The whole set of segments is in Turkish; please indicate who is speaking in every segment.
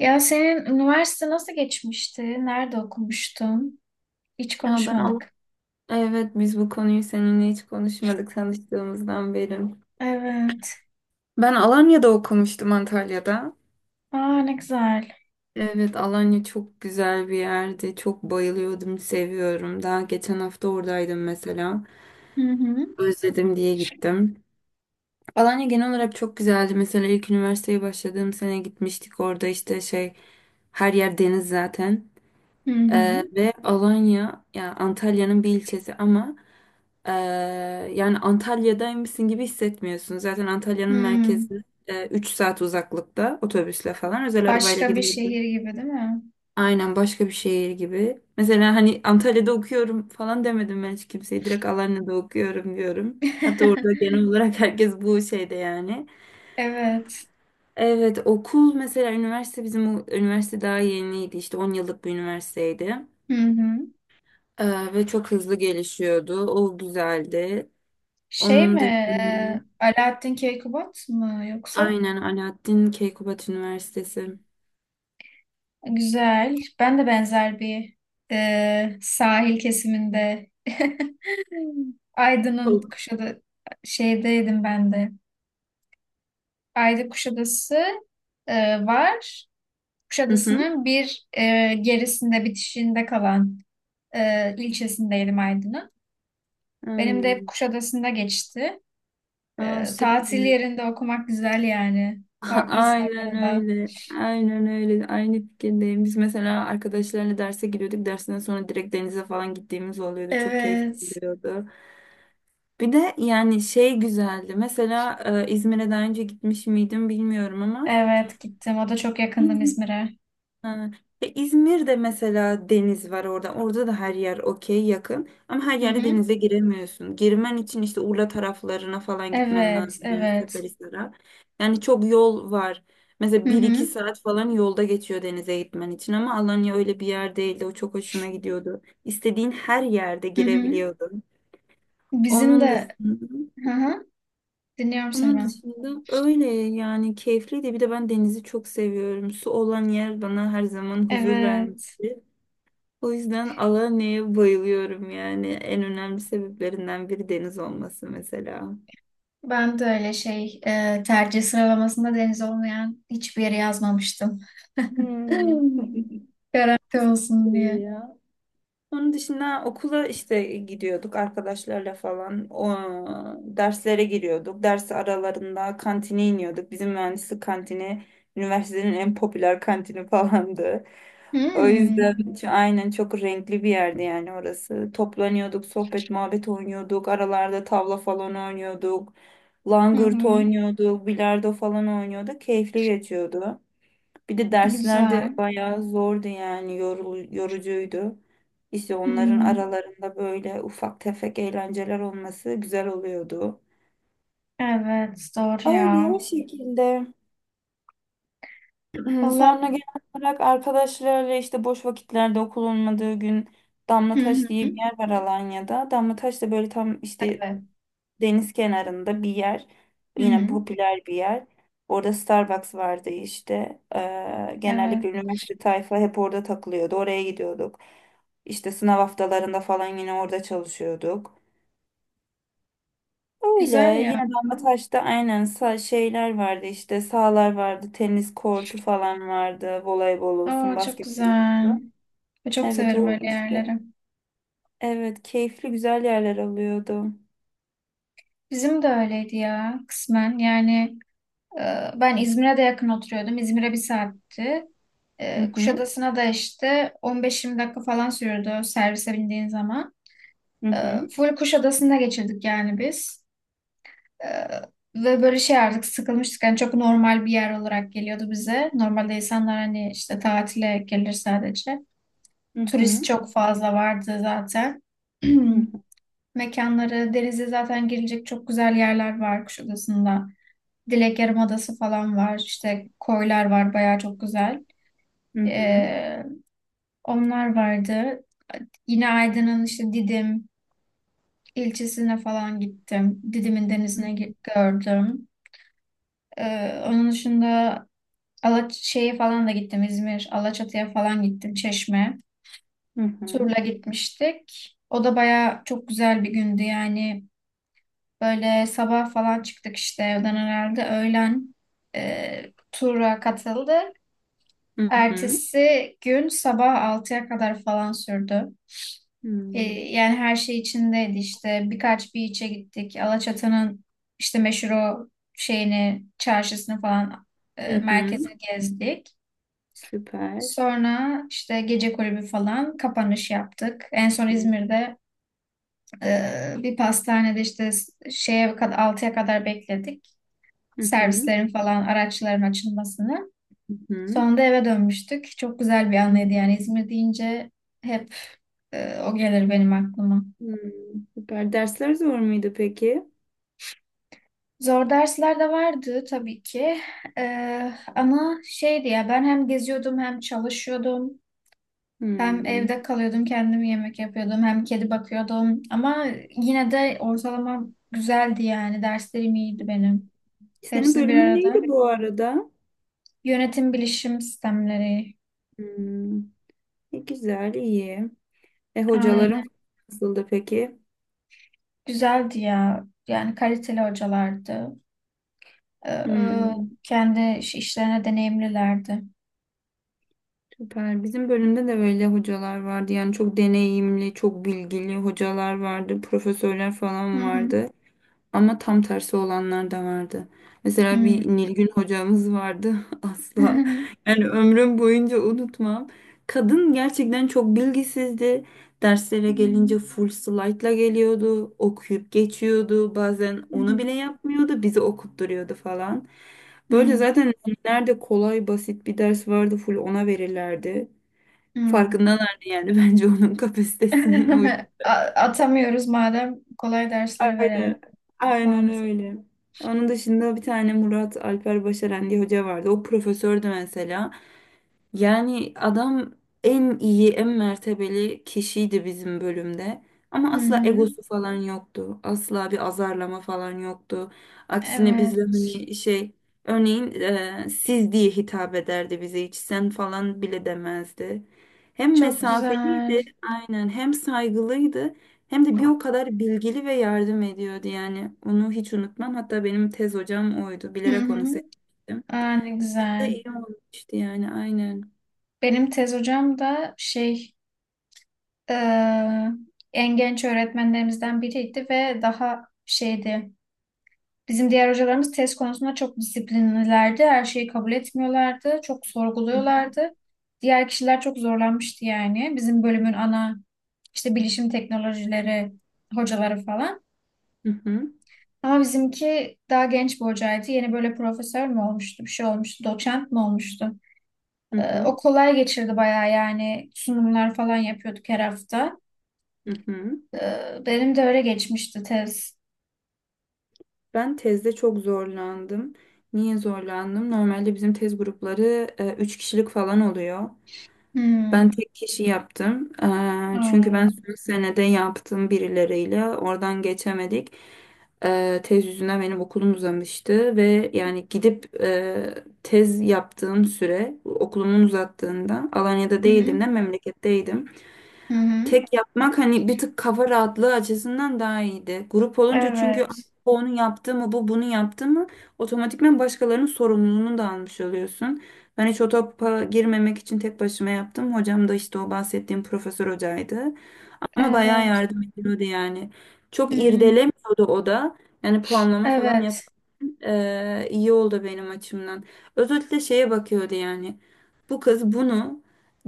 Speaker 1: Ya senin üniversite nasıl geçmişti? Nerede okumuştun? Hiç
Speaker 2: Ya ben Al
Speaker 1: konuşmadık.
Speaker 2: evet biz bu konuyu seninle hiç konuşmadık tanıştığımızdan beri.
Speaker 1: Evet.
Speaker 2: Ben Alanya'da okumuştum, Antalya'da.
Speaker 1: Aa, ne güzel.
Speaker 2: Evet, Alanya çok güzel bir yerdi. Çok bayılıyordum, seviyorum. Daha geçen hafta oradaydım mesela.
Speaker 1: Hı hı.
Speaker 2: Özledim diye gittim. Alanya genel olarak çok güzeldi. Mesela ilk üniversiteye başladığım sene gitmiştik. Orada işte şey, her yer deniz zaten.
Speaker 1: Hı hı.
Speaker 2: Ve Alanya, yani Antalya'nın bir ilçesi, ama e, yani Antalya'daymışsın gibi hissetmiyorsun. Zaten Antalya'nın
Speaker 1: Hı.
Speaker 2: merkezi 3 saat uzaklıkta, otobüsle falan, özel arabayla
Speaker 1: Başka bir
Speaker 2: gidince de
Speaker 1: şehir gibi değil mi?
Speaker 2: aynen başka bir şehir gibi. Mesela hani Antalya'da okuyorum falan demedim ben hiç kimseye. Direkt Alanya'da okuyorum diyorum. Hatta orada genel olarak herkes bu şeyde yani.
Speaker 1: Evet.
Speaker 2: Evet, okul mesela, üniversite, bizim üniversite daha yeniydi, işte 10 yıllık bir üniversiteydi.
Speaker 1: Hı hı.
Speaker 2: Ve çok hızlı gelişiyordu. O güzeldi.
Speaker 1: Şey
Speaker 2: Onun
Speaker 1: mi?
Speaker 2: dışında,
Speaker 1: Alaaddin Keykubat mı yoksa?
Speaker 2: aynen, Alaaddin Keykubat Üniversitesi.
Speaker 1: Güzel. Ben de benzer bir sahil kesiminde Aydın'ın
Speaker 2: O-
Speaker 1: kuşadı şeydeydim ben de. Ayda Kuşadası e, var.
Speaker 2: Hı hı.
Speaker 1: Kuşadası'nın bir gerisinde, bitişinde kalan ilçesindeydim Aydın'ın. Benim de hep
Speaker 2: Aynen.
Speaker 1: Kuşadası'nda geçti.
Speaker 2: Aa,
Speaker 1: Tatil
Speaker 2: süper.
Speaker 1: yerinde okumak güzel yani. Haklısın o
Speaker 2: Aynen
Speaker 1: konuda.
Speaker 2: öyle. Aynen öyle. Aynı fikirdeyim. Biz mesela arkadaşlarla derse giriyorduk. Dersinden sonra direkt denize falan gittiğimiz oluyordu. Çok keyifli
Speaker 1: Evet,
Speaker 2: oluyordu. Bir de yani şey güzeldi. Mesela İzmir'e daha önce gitmiş miydim bilmiyorum ama.
Speaker 1: evet gittim. O da çok yakındım İzmir'e.
Speaker 2: Ha. Ya İzmir'de mesela deniz var orada. Orada da her yer okey yakın. Ama her
Speaker 1: Hı
Speaker 2: yerde
Speaker 1: hı.
Speaker 2: denize giremiyorsun. Girmen için işte Urla taraflarına falan gitmen
Speaker 1: Evet,
Speaker 2: lazım. Yani
Speaker 1: evet.
Speaker 2: Seferihisar'a. Yani çok yol var.
Speaker 1: Hı
Speaker 2: Mesela bir iki
Speaker 1: hı,
Speaker 2: saat falan yolda geçiyor denize gitmen için. Ama Alanya öyle bir yer değildi. O çok hoşuma gidiyordu. İstediğin her yerde
Speaker 1: hı hı.
Speaker 2: girebiliyordun.
Speaker 1: Bizim
Speaker 2: Onun
Speaker 1: de,
Speaker 2: dışında,
Speaker 1: hı hı. Dinliyorum seni
Speaker 2: onun
Speaker 1: ben.
Speaker 2: dışında öyle yani, keyifliydi. Bir de ben denizi çok seviyorum. Su olan yer bana her zaman huzur
Speaker 1: Evet.
Speaker 2: vermişti. O yüzden Alanya'ya bayılıyorum yani. En önemli sebeplerinden biri deniz olması mesela.
Speaker 1: Ben de öyle şey tercih sıralamasında deniz olmayan hiçbir yere yazmamıştım.
Speaker 2: Hmm.
Speaker 1: Garanti olsun
Speaker 2: Güzel
Speaker 1: diye.
Speaker 2: ya. Onun dışında okula işte gidiyorduk arkadaşlarla falan. O, derslere giriyorduk. Ders aralarında kantine iniyorduk. Bizim mühendislik kantini üniversitenin en popüler kantini falandı. O yüzden
Speaker 1: Hmm.
Speaker 2: aynen çok renkli bir yerdi yani orası. Toplanıyorduk, sohbet muhabbet oynuyorduk. Aralarda tavla falan oynuyorduk.
Speaker 1: Hı
Speaker 2: Langırt
Speaker 1: hı.
Speaker 2: oynuyorduk, bilardo falan oynuyorduk. Keyifli geçiyordu. Bir de dersler de
Speaker 1: Güzel.
Speaker 2: bayağı zordu yani, yorucuydu. İşte onların
Speaker 1: Hmm.
Speaker 2: aralarında böyle ufak tefek eğlenceler olması güzel oluyordu.
Speaker 1: Evet, doğru
Speaker 2: Öyle
Speaker 1: ya.
Speaker 2: o şekilde.
Speaker 1: Valla.
Speaker 2: Sonra genel olarak arkadaşlarla işte boş vakitlerde, okul olmadığı gün,
Speaker 1: Hı
Speaker 2: Damlataş diye
Speaker 1: hı.
Speaker 2: bir yer var Alanya'da. Damlataş da böyle tam işte
Speaker 1: Evet.
Speaker 2: deniz kenarında bir yer.
Speaker 1: Hı
Speaker 2: Yine
Speaker 1: hı.
Speaker 2: popüler bir yer. Orada Starbucks vardı işte.
Speaker 1: Evet.
Speaker 2: Genellikle üniversite tayfa hep orada takılıyordu. Oraya gidiyorduk. İşte sınav haftalarında falan yine orada çalışıyorduk. Öyle,
Speaker 1: Güzel ya.
Speaker 2: yine Damlataş'ta, aynen, şeyler vardı, işte sahalar vardı, tenis kortu falan vardı, voleybol olsun
Speaker 1: Aa, çok
Speaker 2: basketbol
Speaker 1: güzel.
Speaker 2: olsun.
Speaker 1: Çok
Speaker 2: Evet,
Speaker 1: severim
Speaker 2: o
Speaker 1: öyle
Speaker 2: işte,
Speaker 1: yerleri.
Speaker 2: evet keyifli güzel yerler alıyordu.
Speaker 1: Bizim de öyleydi ya kısmen. Yani ben İzmir'e de yakın oturuyordum. İzmir'e bir saatti.
Speaker 2: Hı hı,
Speaker 1: Kuşadası'na da işte 15-20 dakika falan sürüyordu servise bindiğin zaman.
Speaker 2: hı
Speaker 1: Ee,
Speaker 2: hı,
Speaker 1: Full Kuşadası'nda geçirdik yani biz. Ee, Ve böyle şey artık sıkılmıştık. Yani çok normal bir yer olarak geliyordu bize. Normalde insanlar hani işte tatile gelir sadece.
Speaker 2: hı
Speaker 1: Turist
Speaker 2: hı,
Speaker 1: çok fazla vardı zaten.
Speaker 2: hı
Speaker 1: Mekanları, denize zaten girilecek çok güzel yerler var Kuşadası'nda. Dilek Yarımadası falan var. İşte koylar var, bayağı çok güzel.
Speaker 2: hı, hı
Speaker 1: Ee, onlar vardı. Yine Aydın'ın işte Didim ilçesine falan gittim. Didim'in denizine gördüm. Onun dışında Alaç şeye falan da gittim. İzmir, Alaçatı'ya falan gittim. Çeşme.
Speaker 2: hı.
Speaker 1: Turla
Speaker 2: Hı
Speaker 1: gitmiştik. O da bayağı çok güzel bir gündü yani. Böyle sabah falan çıktık işte evden herhalde. Öğlen tura katıldı.
Speaker 2: hı. Hı
Speaker 1: Ertesi gün sabah 6'ya kadar falan sürdü. Ee,
Speaker 2: Hmm.
Speaker 1: yani her şey içindeydi işte. Birkaç bir içe gittik. Alaçatı'nın işte meşhur o şeyini, çarşısını falan
Speaker 2: Hı hı.
Speaker 1: merkezini gezdik.
Speaker 2: Süper.
Speaker 1: Sonra işte gece kulübü falan kapanış yaptık. En son
Speaker 2: Hı
Speaker 1: İzmir'de bir pastanede işte şeye kadar 6'ya kadar bekledik.
Speaker 2: hı.
Speaker 1: Servislerin falan araçların açılmasını.
Speaker 2: Hı hı.
Speaker 1: Sonunda eve dönmüştük. Çok güzel bir anıydı
Speaker 2: Hmm.
Speaker 1: yani, İzmir deyince hep o gelir benim aklıma.
Speaker 2: Hmm. Süper. Dersler zor muydu peki?
Speaker 1: Zor dersler de vardı tabii ki. Ama şeydi ya, ben hem geziyordum hem çalışıyordum. Hem
Speaker 2: Hmm.
Speaker 1: evde kalıyordum, kendim yemek yapıyordum, hem kedi bakıyordum. Ama yine de ortalamam güzeldi yani, derslerim iyiydi benim.
Speaker 2: Senin
Speaker 1: Hepsini bir
Speaker 2: bölümün
Speaker 1: arada.
Speaker 2: neydi bu arada?
Speaker 1: Yönetim bilişim sistemleri.
Speaker 2: Hmm. E, güzel, iyi. E,
Speaker 1: Aynen.
Speaker 2: hocaların nasıldı peki?
Speaker 1: Güzeldi ya. Yani kaliteli hocalardı. Ee,
Speaker 2: Hmm.
Speaker 1: kendi işlerine deneyimlilerdi.
Speaker 2: Süper. Bizim bölümde de öyle hocalar vardı. Yani çok deneyimli, çok bilgili hocalar vardı, profesörler
Speaker 1: Hı
Speaker 2: falan
Speaker 1: hı.
Speaker 2: vardı. Ama tam tersi olanlar da vardı. Mesela
Speaker 1: Hmm.
Speaker 2: bir Nilgün hocamız vardı asla. Yani ömrüm boyunca unutmam. Kadın gerçekten çok bilgisizdi. Derslere
Speaker 1: Hmm.
Speaker 2: gelince full slide'la geliyordu. Okuyup geçiyordu. Bazen onu
Speaker 1: Hmm.
Speaker 2: bile yapmıyordu. Bizi okutturuyordu falan. Böyle
Speaker 1: Hmm.
Speaker 2: zaten nerede kolay basit bir ders vardı, full ona verirlerdi.
Speaker 1: Hmm.
Speaker 2: Farkındalardı yani bence onun kapasitesinin o.
Speaker 1: A- Atamıyoruz, madem kolay dersleri verelim.
Speaker 2: Aynen, aynen
Speaker 1: Mantık.
Speaker 2: öyle. Onun dışında bir tane Murat Alper Başaran diye hoca vardı. O profesördü mesela. Yani adam en iyi, en mertebeli kişiydi bizim bölümde. Ama
Speaker 1: Hı
Speaker 2: asla
Speaker 1: hı.
Speaker 2: egosu falan yoktu. Asla bir azarlama falan yoktu. Aksine bizle
Speaker 1: Evet.
Speaker 2: hani şey, örneğin siz diye hitap ederdi bize. Hiç sen falan bile demezdi. Hem
Speaker 1: Çok güzel.
Speaker 2: mesafeliydi, aynen, hem saygılıydı. Hem de bir o kadar bilgili ve yardım ediyordu yani. Onu hiç unutmam. Hatta benim tez hocam oydu.
Speaker 1: Hı
Speaker 2: Bilerek onu
Speaker 1: hı.
Speaker 2: seçtim.
Speaker 1: Aa, ne
Speaker 2: Da
Speaker 1: güzel.
Speaker 2: iyi olmuştu yani, aynen.
Speaker 1: Benim tez hocam da şey, e, en genç öğretmenlerimizden biriydi ve daha şeydi. Bizim diğer hocalarımız test konusunda çok disiplinlilerdi. Her şeyi kabul etmiyorlardı. Çok sorguluyorlardı. Diğer kişiler çok zorlanmıştı yani. Bizim bölümün ana işte bilişim teknolojileri hocaları falan.
Speaker 2: Hı hı,
Speaker 1: Ama bizimki daha genç bir hocaydı. Yeni böyle profesör mü olmuştu, bir şey olmuştu, doçent mi olmuştu?
Speaker 2: hı
Speaker 1: O
Speaker 2: hı,
Speaker 1: kolay geçirdi bayağı yani. Sunumlar falan yapıyorduk her hafta.
Speaker 2: hı hı.
Speaker 1: Benim de öyle geçmişti tez.
Speaker 2: Ben tezde çok zorlandım. Niye zorlandım? Normalde bizim tez grupları üç kişilik falan oluyor. Ben
Speaker 1: Hmm.
Speaker 2: tek kişi yaptım. E, çünkü ben
Speaker 1: Hmm.
Speaker 2: son senede yaptım birileriyle. Oradan geçemedik. E, tez yüzünden benim okulum uzamıştı ve yani gidip tez yaptığım süre, okulumun uzattığında Alanya'da
Speaker 1: Hı hı.
Speaker 2: değildim de memleketteydim.
Speaker 1: Hı hı.
Speaker 2: Tek yapmak hani bir tık kafa rahatlığı açısından daha iyiydi. Grup olunca çünkü "Ah,
Speaker 1: Evet.
Speaker 2: bu onu yaptı mı, bu bunu yaptı mı", otomatikman başkalarının sorumluluğunu da almış oluyorsun. Ben hiç o topa girmemek için tek başıma yaptım. Hocam da işte o bahsettiğim profesör hocaydı. Ama bayağı
Speaker 1: Evet.
Speaker 2: yardım ediyordu yani. Çok
Speaker 1: Hmm,
Speaker 2: irdelemiyordu o da. Yani puanlama falan yap.
Speaker 1: evet,
Speaker 2: İyi oldu benim açımdan. Özellikle şeye bakıyordu yani. Bu kız bunu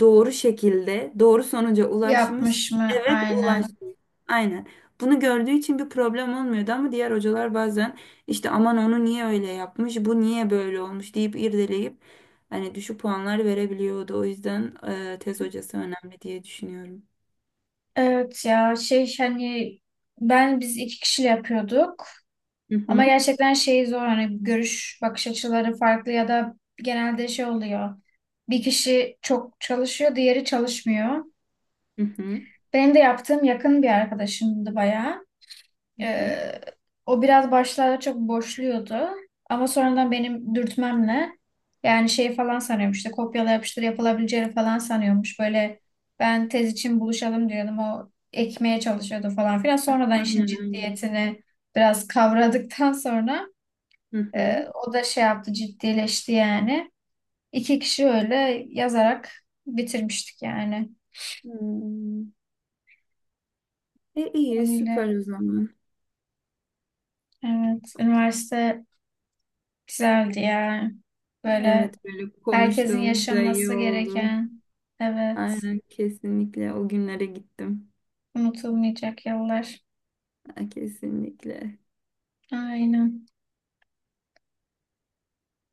Speaker 2: doğru şekilde doğru sonuca ulaşmış.
Speaker 1: yapmış mı
Speaker 2: Evet,
Speaker 1: aynen.
Speaker 2: ulaşmış. Aynen. Bunu gördüğü için bir problem olmuyordu, ama diğer hocalar bazen işte aman onu niye öyle yapmış, bu niye böyle olmuş deyip irdeleyip hani düşük puanlar verebiliyordu. O yüzden tez hocası önemli diye düşünüyorum.
Speaker 1: Evet ya, şey hani, ben biz iki kişiyle yapıyorduk
Speaker 2: Hı
Speaker 1: ama
Speaker 2: hı.
Speaker 1: gerçekten şey zor, hani görüş bakış açıları farklı ya da genelde şey oluyor. Bir kişi çok çalışıyor, diğeri çalışmıyor.
Speaker 2: Hı hı,
Speaker 1: Benim de yaptığım yakın bir arkadaşımdı bayağı.
Speaker 2: hı hı.
Speaker 1: Ee, o biraz başlarda çok boşluyordu. Ama sonradan benim dürtmemle, yani şey falan sanıyormuş işte, kopyala yapıştır yapılabileceğini falan sanıyormuş. Böyle ben tez için buluşalım diyordum, o ekmeye çalışıyordu falan filan. Sonradan işin
Speaker 2: Aynen, aynen.
Speaker 1: ciddiyetini biraz kavradıktan sonra
Speaker 2: Hı hı.
Speaker 1: o da şey yaptı, ciddileşti yani. İki kişi öyle yazarak bitirmiştik yani.
Speaker 2: Hmm. E, iyi,
Speaker 1: Öyle.
Speaker 2: süper o zaman.
Speaker 1: Evet. Üniversite güzeldi ya. Böyle
Speaker 2: Evet, böyle
Speaker 1: herkesin
Speaker 2: konuştuğumuz da iyi
Speaker 1: yaşaması
Speaker 2: oldu.
Speaker 1: gereken, evet,
Speaker 2: Aynen, kesinlikle o günlere gittim.
Speaker 1: unutulmayacak yıllar.
Speaker 2: Ha, kesinlikle.
Speaker 1: Aynen.